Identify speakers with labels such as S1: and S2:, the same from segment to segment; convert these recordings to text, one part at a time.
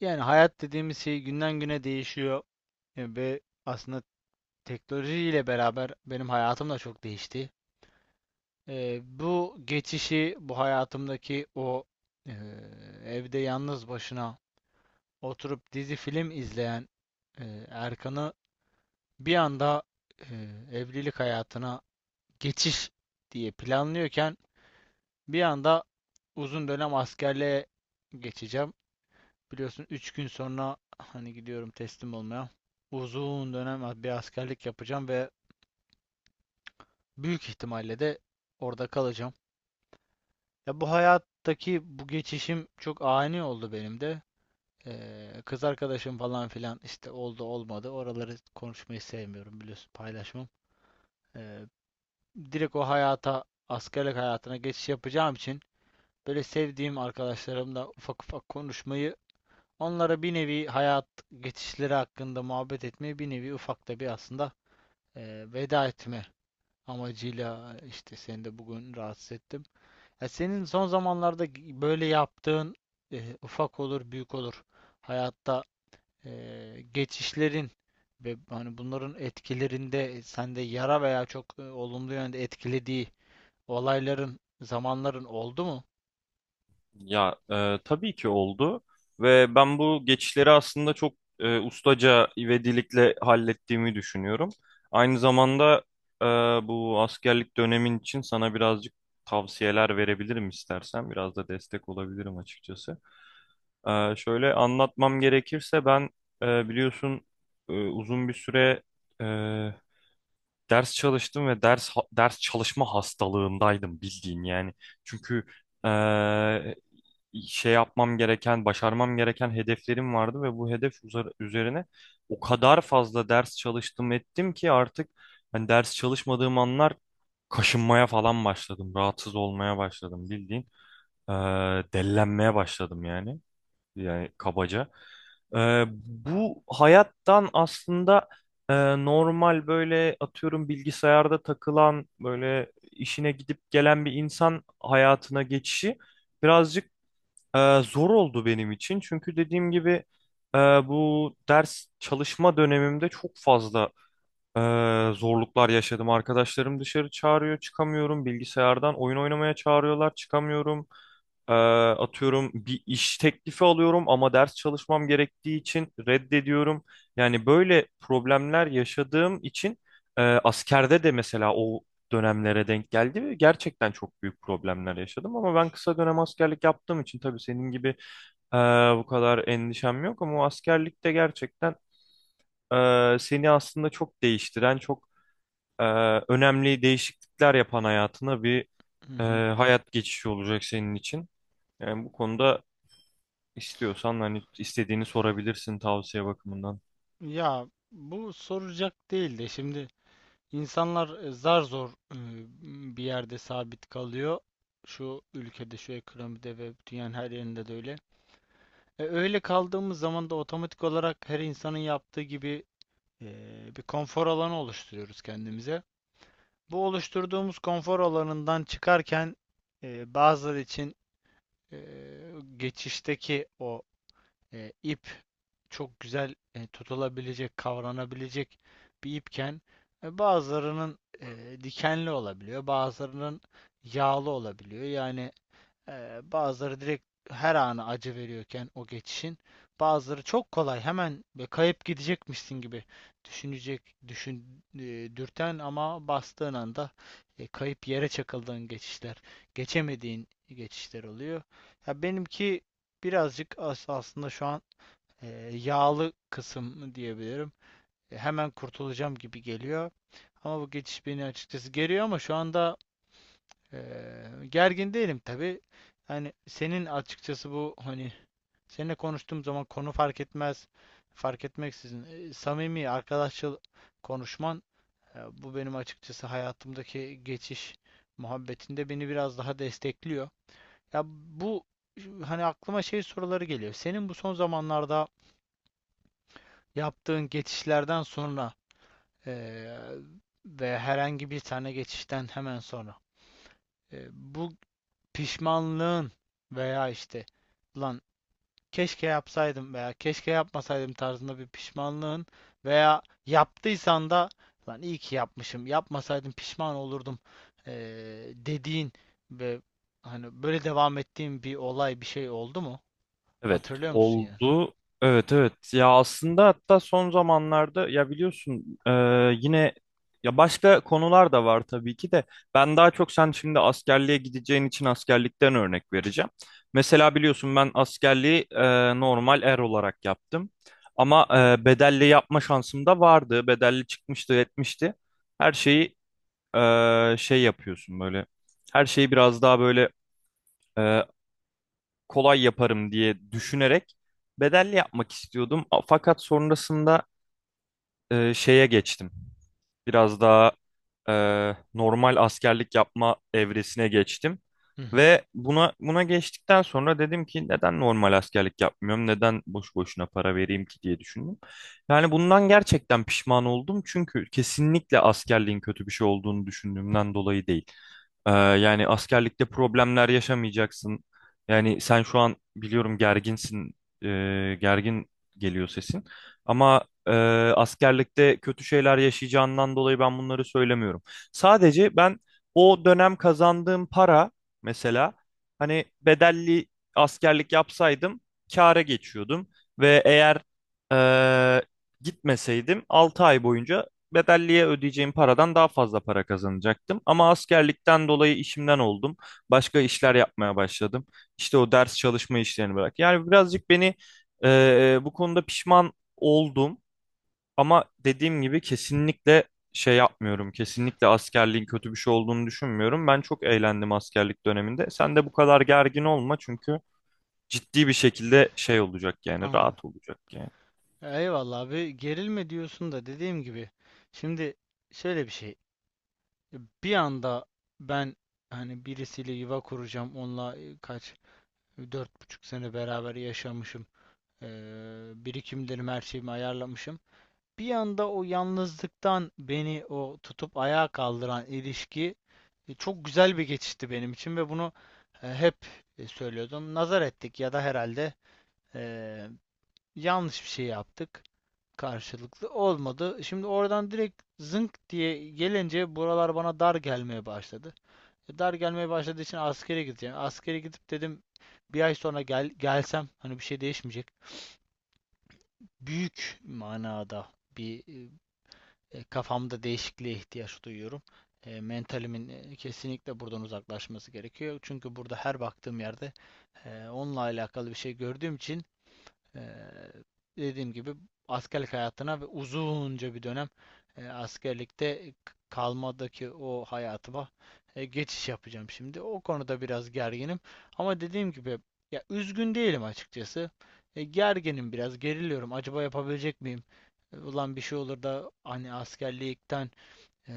S1: Yani hayat dediğimiz şey günden güne değişiyor ve aslında teknolojiyle beraber benim hayatım da çok değişti. Bu geçişi, bu hayatımdaki o e, evde yalnız başına oturup dizi film izleyen Erkan'ı bir anda e, evlilik hayatına geçiş diye planlıyorken bir anda uzun dönem askerliğe geçeceğim. Biliyorsun 3 gün sonra hani gidiyorum teslim olmaya. Uzun dönem bir askerlik yapacağım ve büyük ihtimalle de orada kalacağım. Ya bu hayattaki bu geçişim çok ani oldu benim de. Kız arkadaşım falan filan işte oldu olmadı. Oraları konuşmayı sevmiyorum, biliyorsun paylaşmam. Ee, Direkt o hayata askerlik hayatına geçiş yapacağım için böyle sevdiğim arkadaşlarımla ufak ufak konuşmayı, onlara bir nevi hayat geçişleri hakkında muhabbet etmeye, bir nevi ufak da bir aslında veda etme amacıyla işte seni de bugün rahatsız ettim. Ya senin son zamanlarda böyle yaptığın ufak olur büyük olur hayatta geçişlerin ve hani bunların etkilerinde sende yara veya çok olumlu yönde etkilediği olayların, zamanların oldu mu?
S2: Tabii ki oldu ve ben bu geçişleri aslında çok ustaca ivedilikle hallettiğimi düşünüyorum. Aynı zamanda e, bu askerlik dönemin için sana birazcık tavsiyeler verebilirim istersen. Biraz da destek olabilirim açıkçası. Şöyle anlatmam gerekirse ben biliyorsun, uzun bir süre ders çalıştım ve ders çalışma hastalığındaydım bildiğin yani. Çünkü eee, şey yapmam gereken, başarmam gereken hedeflerim vardı ve bu üzerine o kadar fazla ders çalıştım ettim ki artık hani ders çalışmadığım anlar kaşınmaya falan başladım, rahatsız olmaya başladım bildiğin. Dellenmeye başladım yani kabaca. Bu hayattan aslında e, normal, böyle atıyorum, bilgisayarda takılan, böyle işine gidip gelen bir insan hayatına geçişi birazcık zor oldu benim için. Çünkü dediğim gibi bu ders çalışma dönemimde çok fazla ee, zorluklar yaşadım. Arkadaşlarım dışarı çağırıyor, çıkamıyorum. Bilgisayardan oyun oynamaya çağırıyorlar, çıkamıyorum. Atıyorum, bir iş teklifi alıyorum ama ders çalışmam gerektiği için reddediyorum. Yani böyle problemler yaşadığım için askerde de mesela o dönemlere denk geldi ve gerçekten çok büyük problemler yaşadım. Ama ben kısa dönem askerlik yaptığım için tabii senin gibi e, bu kadar endişem yok, ama o askerlikte gerçekten seni aslında çok değiştiren, çok e, önemli değişiklikler yapan, hayatına bir
S1: Hı
S2: e,
S1: hı.
S2: hayat geçişi olacak senin için. Yani bu konuda istiyorsan hani istediğini sorabilirsin tavsiye bakımından.
S1: Ya bu soracak değil de şimdi, İnsanlar zar zor bir yerde sabit kalıyor. Şu ülkede, şu ekonomide ve dünyanın her yerinde de öyle. Öyle kaldığımız zaman da otomatik olarak her insanın yaptığı gibi e, bir konfor alanı oluşturuyoruz kendimize. Bu oluşturduğumuz konfor alanından çıkarken bazıları için e, geçişteki o ip çok güzel, tutulabilecek, kavranabilecek bir ipken, bazılarının dikenli olabiliyor, bazılarının yağlı olabiliyor. Yani bazıları direkt her anı acı veriyorken o geçişin, bazıları çok kolay hemen ve kayıp gidecekmişsin gibi düşünecek, düşün, e, dürten ama bastığın anda kayıp, yere çakıldığın geçişler, geçemediğin geçişler oluyor. Ya benimki birazcık aslında şu an yağlı kısım diyebilirim. Hemen kurtulacağım gibi geliyor. Ama bu geçiş beni açıkçası geriyor, ama şu anda e, gergin değilim tabii. Yani senin açıkçası bu, hani seninle konuştuğum zaman konu fark etmez. Fark etmeksizin samimi, arkadaşçıl konuşman, bu benim açıkçası hayatımdaki geçiş muhabbetinde beni biraz daha destekliyor. Ya bu, hani aklıma şey soruları geliyor. Senin bu son zamanlarda yaptığın geçişlerden sonra eee, ve herhangi bir tane geçişten hemen sonra bu pişmanlığın veya işte lan keşke yapsaydım veya keşke yapmasaydım tarzında bir pişmanlığın, veya yaptıysan da lan iyi ki yapmışım, yapmasaydım pişman olurdum dediğin ve hani böyle devam ettiğin bir olay, bir şey oldu mu?
S2: Evet
S1: Hatırlıyor musun yani?
S2: oldu. Evet, evet, ya aslında hatta son zamanlarda, ya biliyorsun, yine, ya başka konular da var tabii ki de, ben daha çok sen şimdi askerliğe gideceğin için askerlikten örnek vereceğim. Mesela biliyorsun ben askerliği normal er olarak yaptım, ama bedelli yapma şansım da vardı, bedelli çıkmıştı etmişti her şeyi. Şey yapıyorsun böyle, her şeyi biraz daha böyle kolay yaparım diye düşünerek bedelli yapmak istiyordum. Fakat sonrasında şeye geçtim. Biraz daha e, normal askerlik yapma evresine geçtim.
S1: Hı hı,
S2: Ve buna geçtikten sonra dedim ki, neden normal askerlik yapmıyorum? Neden boş boşuna para vereyim ki diye düşündüm. Yani bundan gerçekten pişman oldum, çünkü kesinlikle askerliğin kötü bir şey olduğunu düşündüğümden dolayı değil. Yani askerlikte problemler yaşamayacaksın. Yani sen şu an biliyorum gerginsin, gergin geliyor sesin. Ama ee, askerlikte kötü şeyler yaşayacağından dolayı ben bunları söylemiyorum. Sadece ben o dönem kazandığım para, mesela, hani bedelli askerlik yapsaydım kâra geçiyordum ve eğer ee, gitmeseydim 6 ay boyunca bedelliye ödeyeceğim paradan daha fazla para kazanacaktım. Ama askerlikten dolayı işimden oldum. Başka işler yapmaya başladım. İşte o ders çalışma işlerini bırak. Yani birazcık beni bu konuda pişman oldum. Ama dediğim gibi kesinlikle şey yapmıyorum. Kesinlikle askerliğin kötü bir şey olduğunu düşünmüyorum. Ben çok eğlendim askerlik döneminde. Sen de bu kadar gergin olma, çünkü ciddi bir şekilde şey olacak, yani
S1: anladım.
S2: rahat olacak yani.
S1: Eyvallah abi, gerilme diyorsun da dediğim gibi şimdi şöyle bir şey, bir anda ben hani birisiyle yuva kuracağım, onunla e, kaç 4,5 sene beraber yaşamışım, birikimlerimi, her şeyimi ayarlamışım, bir anda o yalnızlıktan beni o tutup ayağa kaldıran ilişki çok güzel bir geçişti benim için ve bunu hep söylüyordum. Nazar ettik ya da herhalde e, yanlış bir şey yaptık, karşılıklı olmadı. Şimdi oradan direkt zınk diye gelince buralar bana dar gelmeye başladı. Dar gelmeye başladığı için askere gideceğim. Askere gidip dedim bir ay sonra gelsem hani bir şey değişmeyecek. Büyük manada bir kafamda değişikliğe ihtiyaç duyuyorum. Mentalimin kesinlikle buradan uzaklaşması gerekiyor. Çünkü burada her baktığım yerde onunla alakalı bir şey gördüğüm için, Eee, dediğim gibi askerlik hayatına ve uzunca bir dönem askerlikte kalmadaki o hayatıma geçiş yapacağım şimdi. O konuda biraz gerginim. Ama dediğim gibi ya, üzgün değilim açıkçası. Gerginim biraz, geriliyorum. Acaba yapabilecek miyim? Ulan bir şey olur da hani askerlikten, Eee,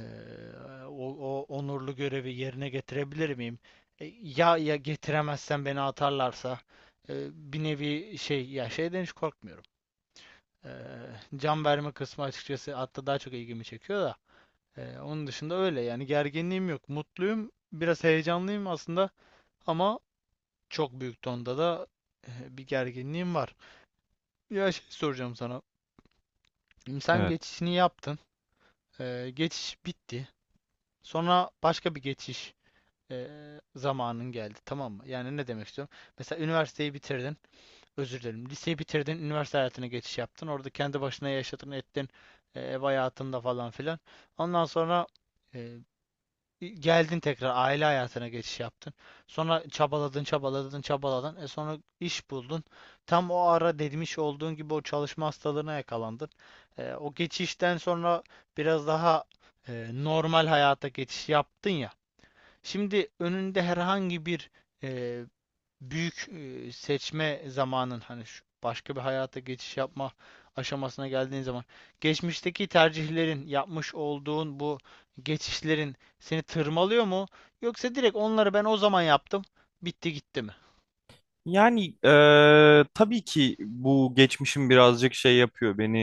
S1: o onurlu görevi yerine getirebilir miyim? Ya getiremezsem, beni atarlarsa e, bir nevi şey, ya şeyden hiç korkmuyorum. Eee, Can verme kısmı açıkçası hatta daha çok ilgimi çekiyor da. Onun dışında öyle yani, gerginliğim yok. Mutluyum, biraz heyecanlıyım aslında, ama çok büyük tonda da bir gerginliğim var. Ya şey soracağım sana. Sen
S2: Evet.
S1: geçişini yaptın. Geçiş bitti. Sonra başka bir geçiş e, zamanın geldi, tamam mı? Yani ne demek istiyorum? Mesela üniversiteyi bitirdin, özür dilerim, liseyi bitirdin, üniversite hayatına geçiş yaptın. Orada kendi başına yaşadın, ettin, ev hayatında falan filan. Ondan sonra e, geldin, tekrar aile hayatına geçiş yaptın. Sonra çabaladın, çabaladın, çabaladın. E, sonra iş buldun. Tam o ara demiş olduğun gibi o çalışma hastalığına yakalandın. O geçişten sonra biraz daha normal hayata geçiş yaptın ya. Şimdi önünde herhangi bir e, büyük seçme zamanın, hani şu başka bir hayata geçiş yapma aşamasına geldiğin zaman, geçmişteki tercihlerin, yapmış olduğun bu geçişlerin seni tırmalıyor mu? Yoksa direkt onları ben o zaman yaptım, bitti gitti mi?
S2: Yani tabii ki bu geçmişim birazcık şey yapıyor beni,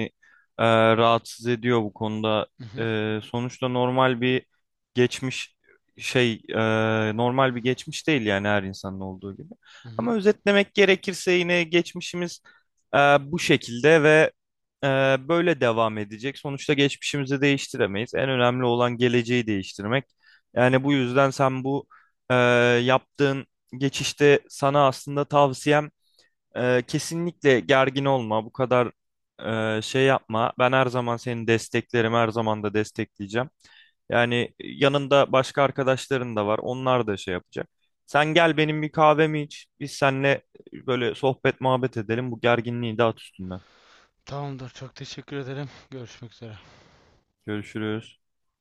S2: rahatsız ediyor bu konuda.
S1: Hı hı,
S2: Sonuçta normal bir geçmiş, şey, normal bir geçmiş değil yani, her insanın olduğu gibi.
S1: hı hı.
S2: Ama özetlemek gerekirse yine geçmişimiz bu şekilde ve böyle devam edecek. Sonuçta geçmişimizi değiştiremeyiz. En önemli olan geleceği değiştirmek. Yani bu yüzden sen bu eee yaptığın geçişte sana aslında tavsiyem, kesinlikle gergin olma, bu kadar şey yapma. Ben her zaman seni desteklerim, her zaman da destekleyeceğim. Yani yanında başka arkadaşların da var, onlar da şey yapacak. Sen gel, benim bir kahvemi iç, biz seninle böyle sohbet muhabbet edelim, bu gerginliği de at üstünden.
S1: Tamamdır. Çok teşekkür ederim. Görüşmek üzere.
S2: Görüşürüz.